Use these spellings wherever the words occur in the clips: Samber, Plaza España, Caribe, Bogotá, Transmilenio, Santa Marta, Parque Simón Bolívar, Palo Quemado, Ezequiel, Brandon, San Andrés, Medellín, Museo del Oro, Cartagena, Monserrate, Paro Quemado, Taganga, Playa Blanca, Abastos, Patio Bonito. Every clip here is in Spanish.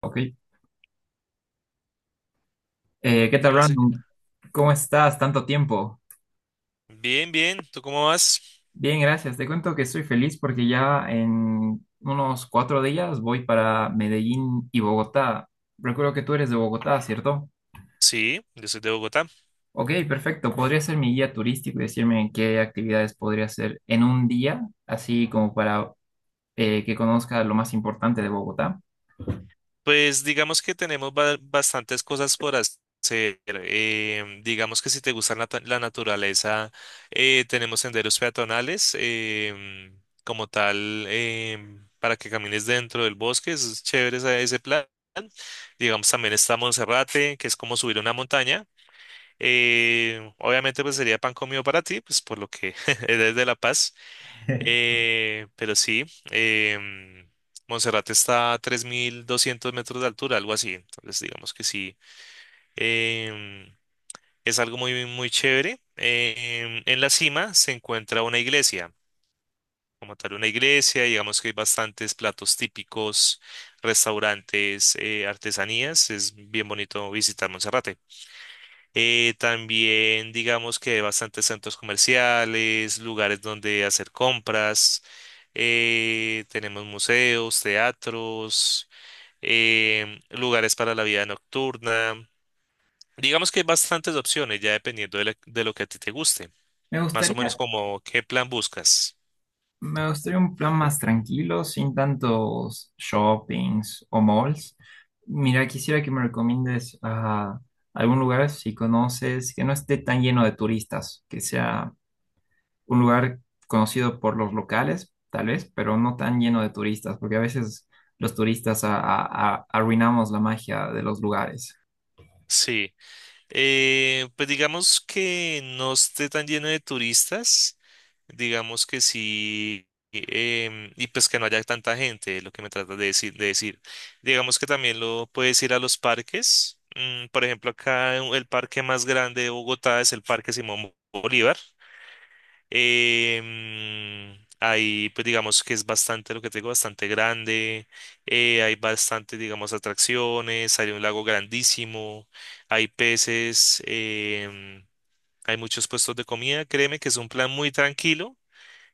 Ok. ¿Qué tal, Hola, sí. Brandon? ¿Cómo estás? Tanto tiempo. Bien, bien. ¿Tú cómo vas? Bien, gracias. Te cuento que estoy feliz porque ya en unos cuatro días voy para Medellín y Bogotá. Recuerdo que tú eres de Bogotá, ¿cierto? Sí, yo soy de Bogotá. Ok, perfecto. ¿Podría ser mi guía turístico y decirme qué actividades podría hacer en un día, así como para que conozca lo más importante de Bogotá? Pues digamos que tenemos bastantes cosas por hacer. Digamos que si te gusta la naturaleza, tenemos senderos peatonales como tal para que camines dentro del bosque. Es chévere ese plan. Digamos, también está Monserrate, que es como subir una montaña. Obviamente, pues sería pan comido para ti, pues por lo que eres de La Paz. Pero sí, em, Monserrate está a 3.200 metros de altura, algo así. Entonces, digamos que sí, em, es algo muy, muy chévere. En la cima se encuentra una iglesia, como tal, una iglesia. Digamos que hay bastantes platos típicos, restaurantes, artesanías. Es bien bonito visitar Monserrate. También digamos que hay bastantes centros comerciales, lugares donde hacer compras. Tenemos museos, teatros, lugares para la vida nocturna. Digamos que hay bastantes opciones, ya dependiendo de, de lo que a ti te guste. Me Más o menos gustaría como qué plan buscas. Me gustaría un plan más tranquilo, sin tantos shoppings o malls. Mira, quisiera que me recomiendes a algún lugar, si conoces, que no esté tan lleno de turistas, que sea un lugar conocido por los locales, tal vez, pero no tan lleno de turistas, porque a veces los turistas arruinamos la magia de los lugares. Sí, pues digamos que no esté tan lleno de turistas. Digamos que sí, y pues que no haya tanta gente, es lo que me tratas de decir. Digamos que también lo puedes ir a los parques. Por ejemplo, el parque más grande de Bogotá es el Parque Simón Bolívar. Ahí, pues digamos que es bastante, lo que te digo, bastante grande. Hay bastante, digamos, atracciones. Hay un lago grandísimo. Hay peces. Hay muchos puestos de comida. Créeme que es un plan muy tranquilo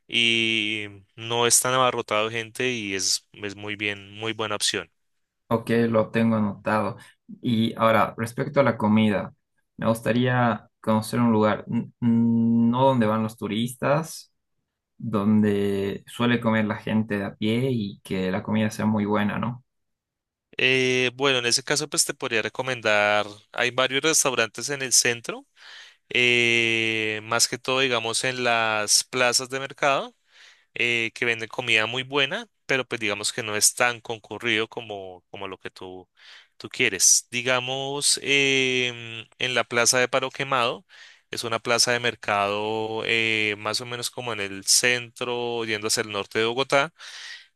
y no es tan abarrotado de gente y es muy bien, muy buena opción. Ok, lo tengo anotado. Y ahora, respecto a la comida, me gustaría conocer un lugar, no donde van los turistas, donde suele comer la gente de a pie y que la comida sea muy buena, ¿no? Bueno, en ese caso pues te podría recomendar, hay varios restaurantes en el centro, más que todo digamos en las plazas de mercado. Que venden comida muy buena, pero pues digamos que no es tan concurrido como lo que tú quieres. Digamos, en la plaza de Paro Quemado, es una plaza de mercado más o menos como en el centro, yendo hacia el norte de Bogotá.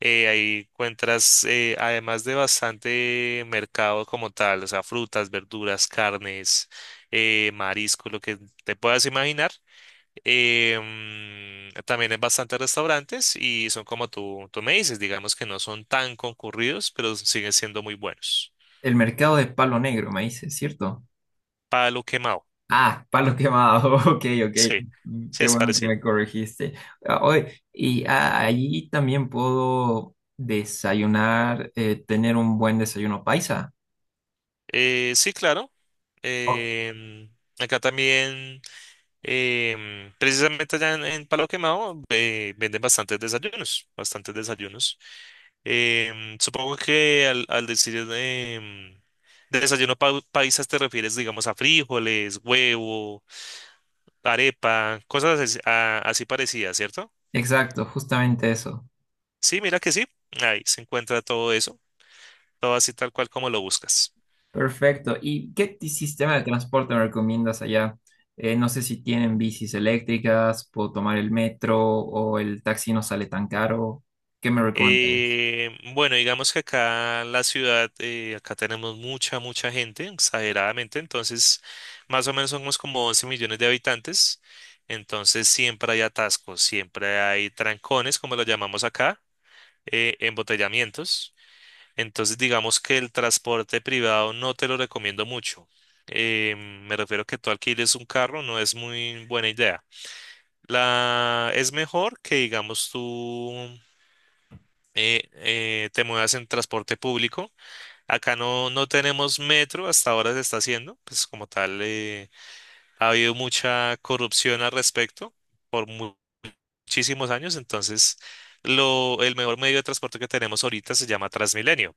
Ahí encuentras, además de bastante mercado como tal, o sea, frutas, verduras, carnes, marisco, lo que te puedas imaginar. También hay bastantes restaurantes y son como tú me dices, digamos que no son tan concurridos, pero siguen siendo muy buenos. El mercado de Palo Negro, me dice, ¿cierto? Palo quemado, Ah, Palo Quemado, ok, ok. sí, sí Qué es bueno que parecido. me corregiste. Ah, oye, y ah, allí también puedo desayunar, tener un buen desayuno paisa. Sí, claro. Oh. em, Acá también, precisamente allá en Palo Quemado, venden bastantes desayunos, bastantes desayunos. Supongo que al decir desayuno paisa te refieres, digamos, a frijoles, huevo arepa, cosas así, así parecidas, ¿cierto? Exacto, justamente eso. Sí, mira que sí, ahí se encuentra todo eso, todo así tal cual como lo buscas. Perfecto. ¿Y qué sistema de transporte me recomiendas allá? No sé si tienen bicis eléctricas, puedo tomar el metro o el taxi no sale tan caro. ¿Qué me recomendarías? Bueno, digamos que acá en la ciudad, acá tenemos mucha, mucha gente, exageradamente, entonces más o menos somos como 11 millones de habitantes, entonces siempre hay atascos, siempre hay trancones, como lo llamamos acá, embotellamientos. Entonces, digamos que el transporte privado no te lo recomiendo mucho. Eh, Me refiero que tú alquiles un carro, no es muy buena idea. Es mejor que, digamos, tú te muevas en transporte público. Acá no, no tenemos metro, hasta ahora se está haciendo. Pues como tal, ha habido mucha corrupción al respecto por muchísimos años. Entonces, lo, el mejor medio de transporte que tenemos ahorita se llama Transmilenio.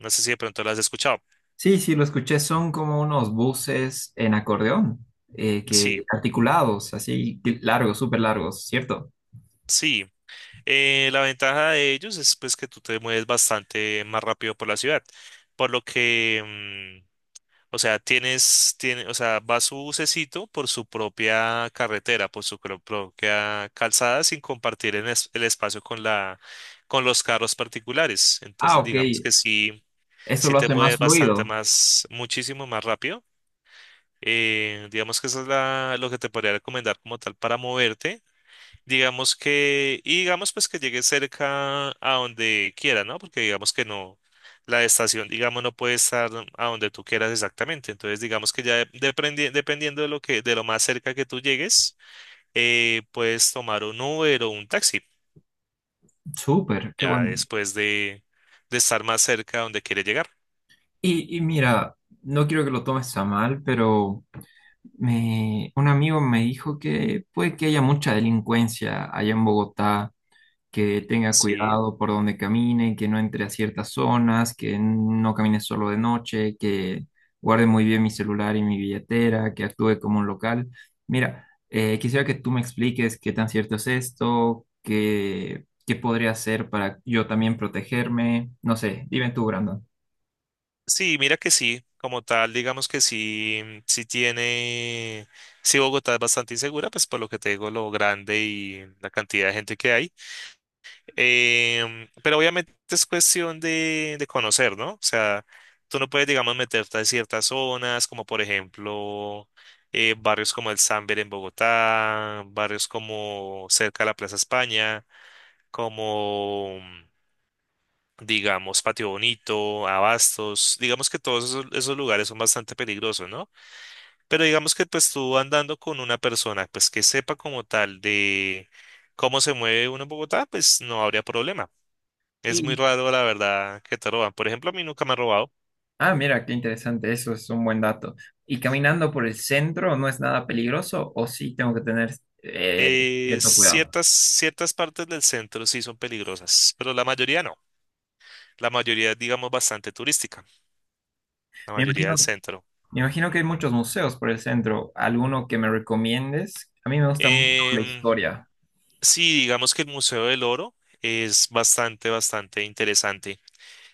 No sé si de pronto lo has escuchado. Sí, sí, lo escuché. Son como unos buses en acordeón, que Sí. articulados, así que largos, súper largos, ¿cierto? Sí, la ventaja de ellos es pues que tú te mueves bastante más rápido por la ciudad, por lo que, mm, o sea, tiene, o sea, va su bucecito por su propia carretera, por su propia calzada sin compartir el espacio con la, con los carros particulares. Ah, Entonces, ok. digamos que sí, Eso sí lo te hace mueves más bastante fluido. más, muchísimo más rápido. Digamos que eso es lo que te podría recomendar como tal para moverte. Digamos que, y digamos pues que llegue cerca a donde quiera, ¿no? Porque digamos que no, la estación, digamos, no puede estar a donde tú quieras exactamente. Entonces, digamos que ya dependiendo de lo que, de lo más cerca que tú llegues, puedes tomar un Uber o un taxi, Súper, qué ya bueno. después de estar más cerca a donde quieres llegar. Y mira, no quiero que lo tomes a mal, pero me, un amigo me dijo que puede que haya mucha delincuencia allá en Bogotá, que tenga Sí. cuidado por donde camine, que no entre a ciertas zonas, que no camine solo de noche, que guarde muy bien mi celular y mi billetera, que actúe como un local. Mira, quisiera que tú me expliques qué tan cierto es esto, qué, qué podría hacer para yo también protegerme. No sé, dime tú, Brandon. Sí, mira que sí, como tal, digamos que sí, sí tiene, sí Bogotá es bastante insegura, pues por lo que te digo, lo grande y la cantidad de gente que hay. Pero obviamente es cuestión de conocer, ¿no? O sea, tú no puedes, digamos, meterte a ciertas zonas, como por ejemplo barrios como el Samber en Bogotá, barrios como cerca de la Plaza España, como, digamos, Patio Bonito, Abastos. Digamos que todos esos lugares son bastante peligrosos, ¿no? Pero digamos que pues tú andando con una persona, pues que sepa como tal de cómo se mueve uno en Bogotá, pues no habría problema. Es muy Y, raro, la verdad, que te roban. Por ejemplo, a mí nunca me han robado. ah, mira, qué interesante, eso es un buen dato. ¿Y caminando por el centro no es nada peligroso o sí tengo que tener eh, cierto cuidado? Ciertas partes del centro sí son peligrosas, pero la mayoría no. La mayoría es, digamos, bastante turística, la Me mayoría del imagino centro. Me imagino que hay muchos museos por el centro. ¿Alguno que me recomiendes? A mí me gusta mucho la Em, historia. sí, digamos que el Museo del Oro es bastante, bastante interesante.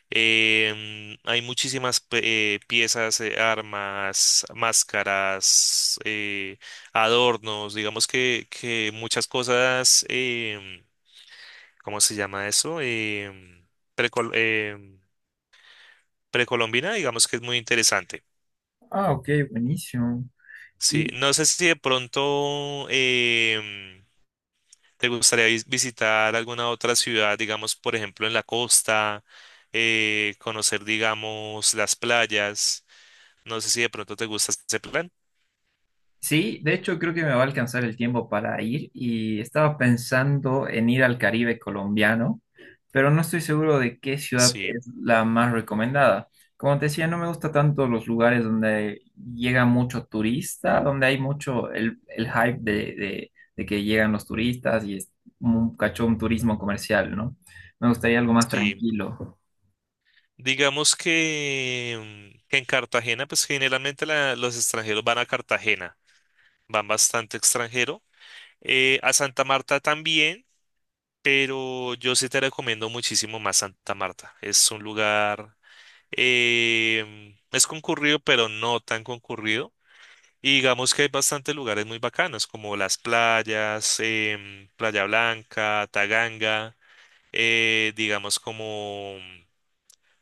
Hay muchísimas piezas, armas, máscaras, adornos, digamos que muchas cosas. ¿Cómo se llama eso? Precol- em, Precolombina, digamos que es muy interesante. Ah, ok, buenísimo. Sí, Y, no sé si de pronto te gustaría visitar alguna otra ciudad, digamos, por ejemplo, en la costa, conocer, digamos, las playas. No sé si de pronto te gusta ese plan. sí, de hecho creo que me va a alcanzar el tiempo para ir y estaba pensando en ir al Caribe colombiano, pero no estoy seguro de qué ciudad Sí, es la más recomendada. Como te decía, no me gusta tanto los lugares donde llega mucho turista, donde hay mucho el hype de que llegan los turistas y es un cachón turismo comercial, ¿no? Me gustaría algo más sí. tranquilo. Digamos que, que en Cartagena, pues generalmente los extranjeros van a Cartagena, van bastante extranjero. A Santa Marta también. Pero yo sí te recomiendo muchísimo más Santa Marta. Es un lugar, es concurrido, pero no tan concurrido. Y digamos que hay bastantes lugares muy bacanos, como las playas, Playa Blanca, Taganga, digamos como,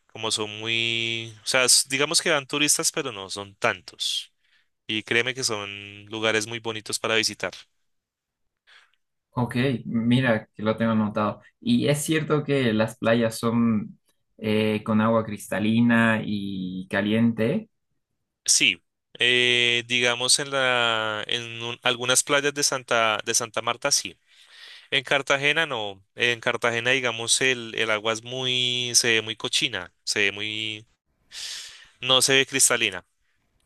como son muy, o sea, digamos que van turistas, pero no son tantos. Y créeme que son lugares muy bonitos para visitar. Ok, mira que lo tengo anotado. ¿Y es cierto que las playas son con agua cristalina y caliente? Sí, digamos en la, algunas playas de de Santa Marta sí. En Cartagena no. En Cartagena, digamos, el agua es muy, se ve muy cochina, se ve muy, no se ve cristalina.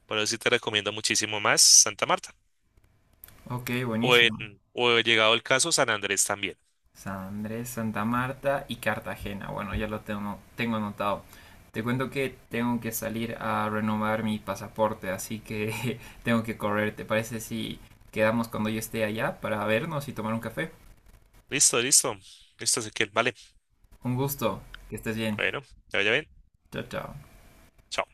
Por eso sí te recomiendo muchísimo más Santa Marta. Ok, O buenísimo. en, o llegado el caso, San Andrés también. San Andrés, Santa Marta y Cartagena. Bueno, ya lo tengo, tengo anotado. Te cuento que tengo que salir a renovar mi pasaporte, así que tengo que correr. ¿Te parece si quedamos cuando yo esté allá para vernos y tomar un café? Listo, listo. Listo, Ezequiel. Vale. Un gusto, que estés bien. Bueno, ya vaya bien. Chao, chao. Chao.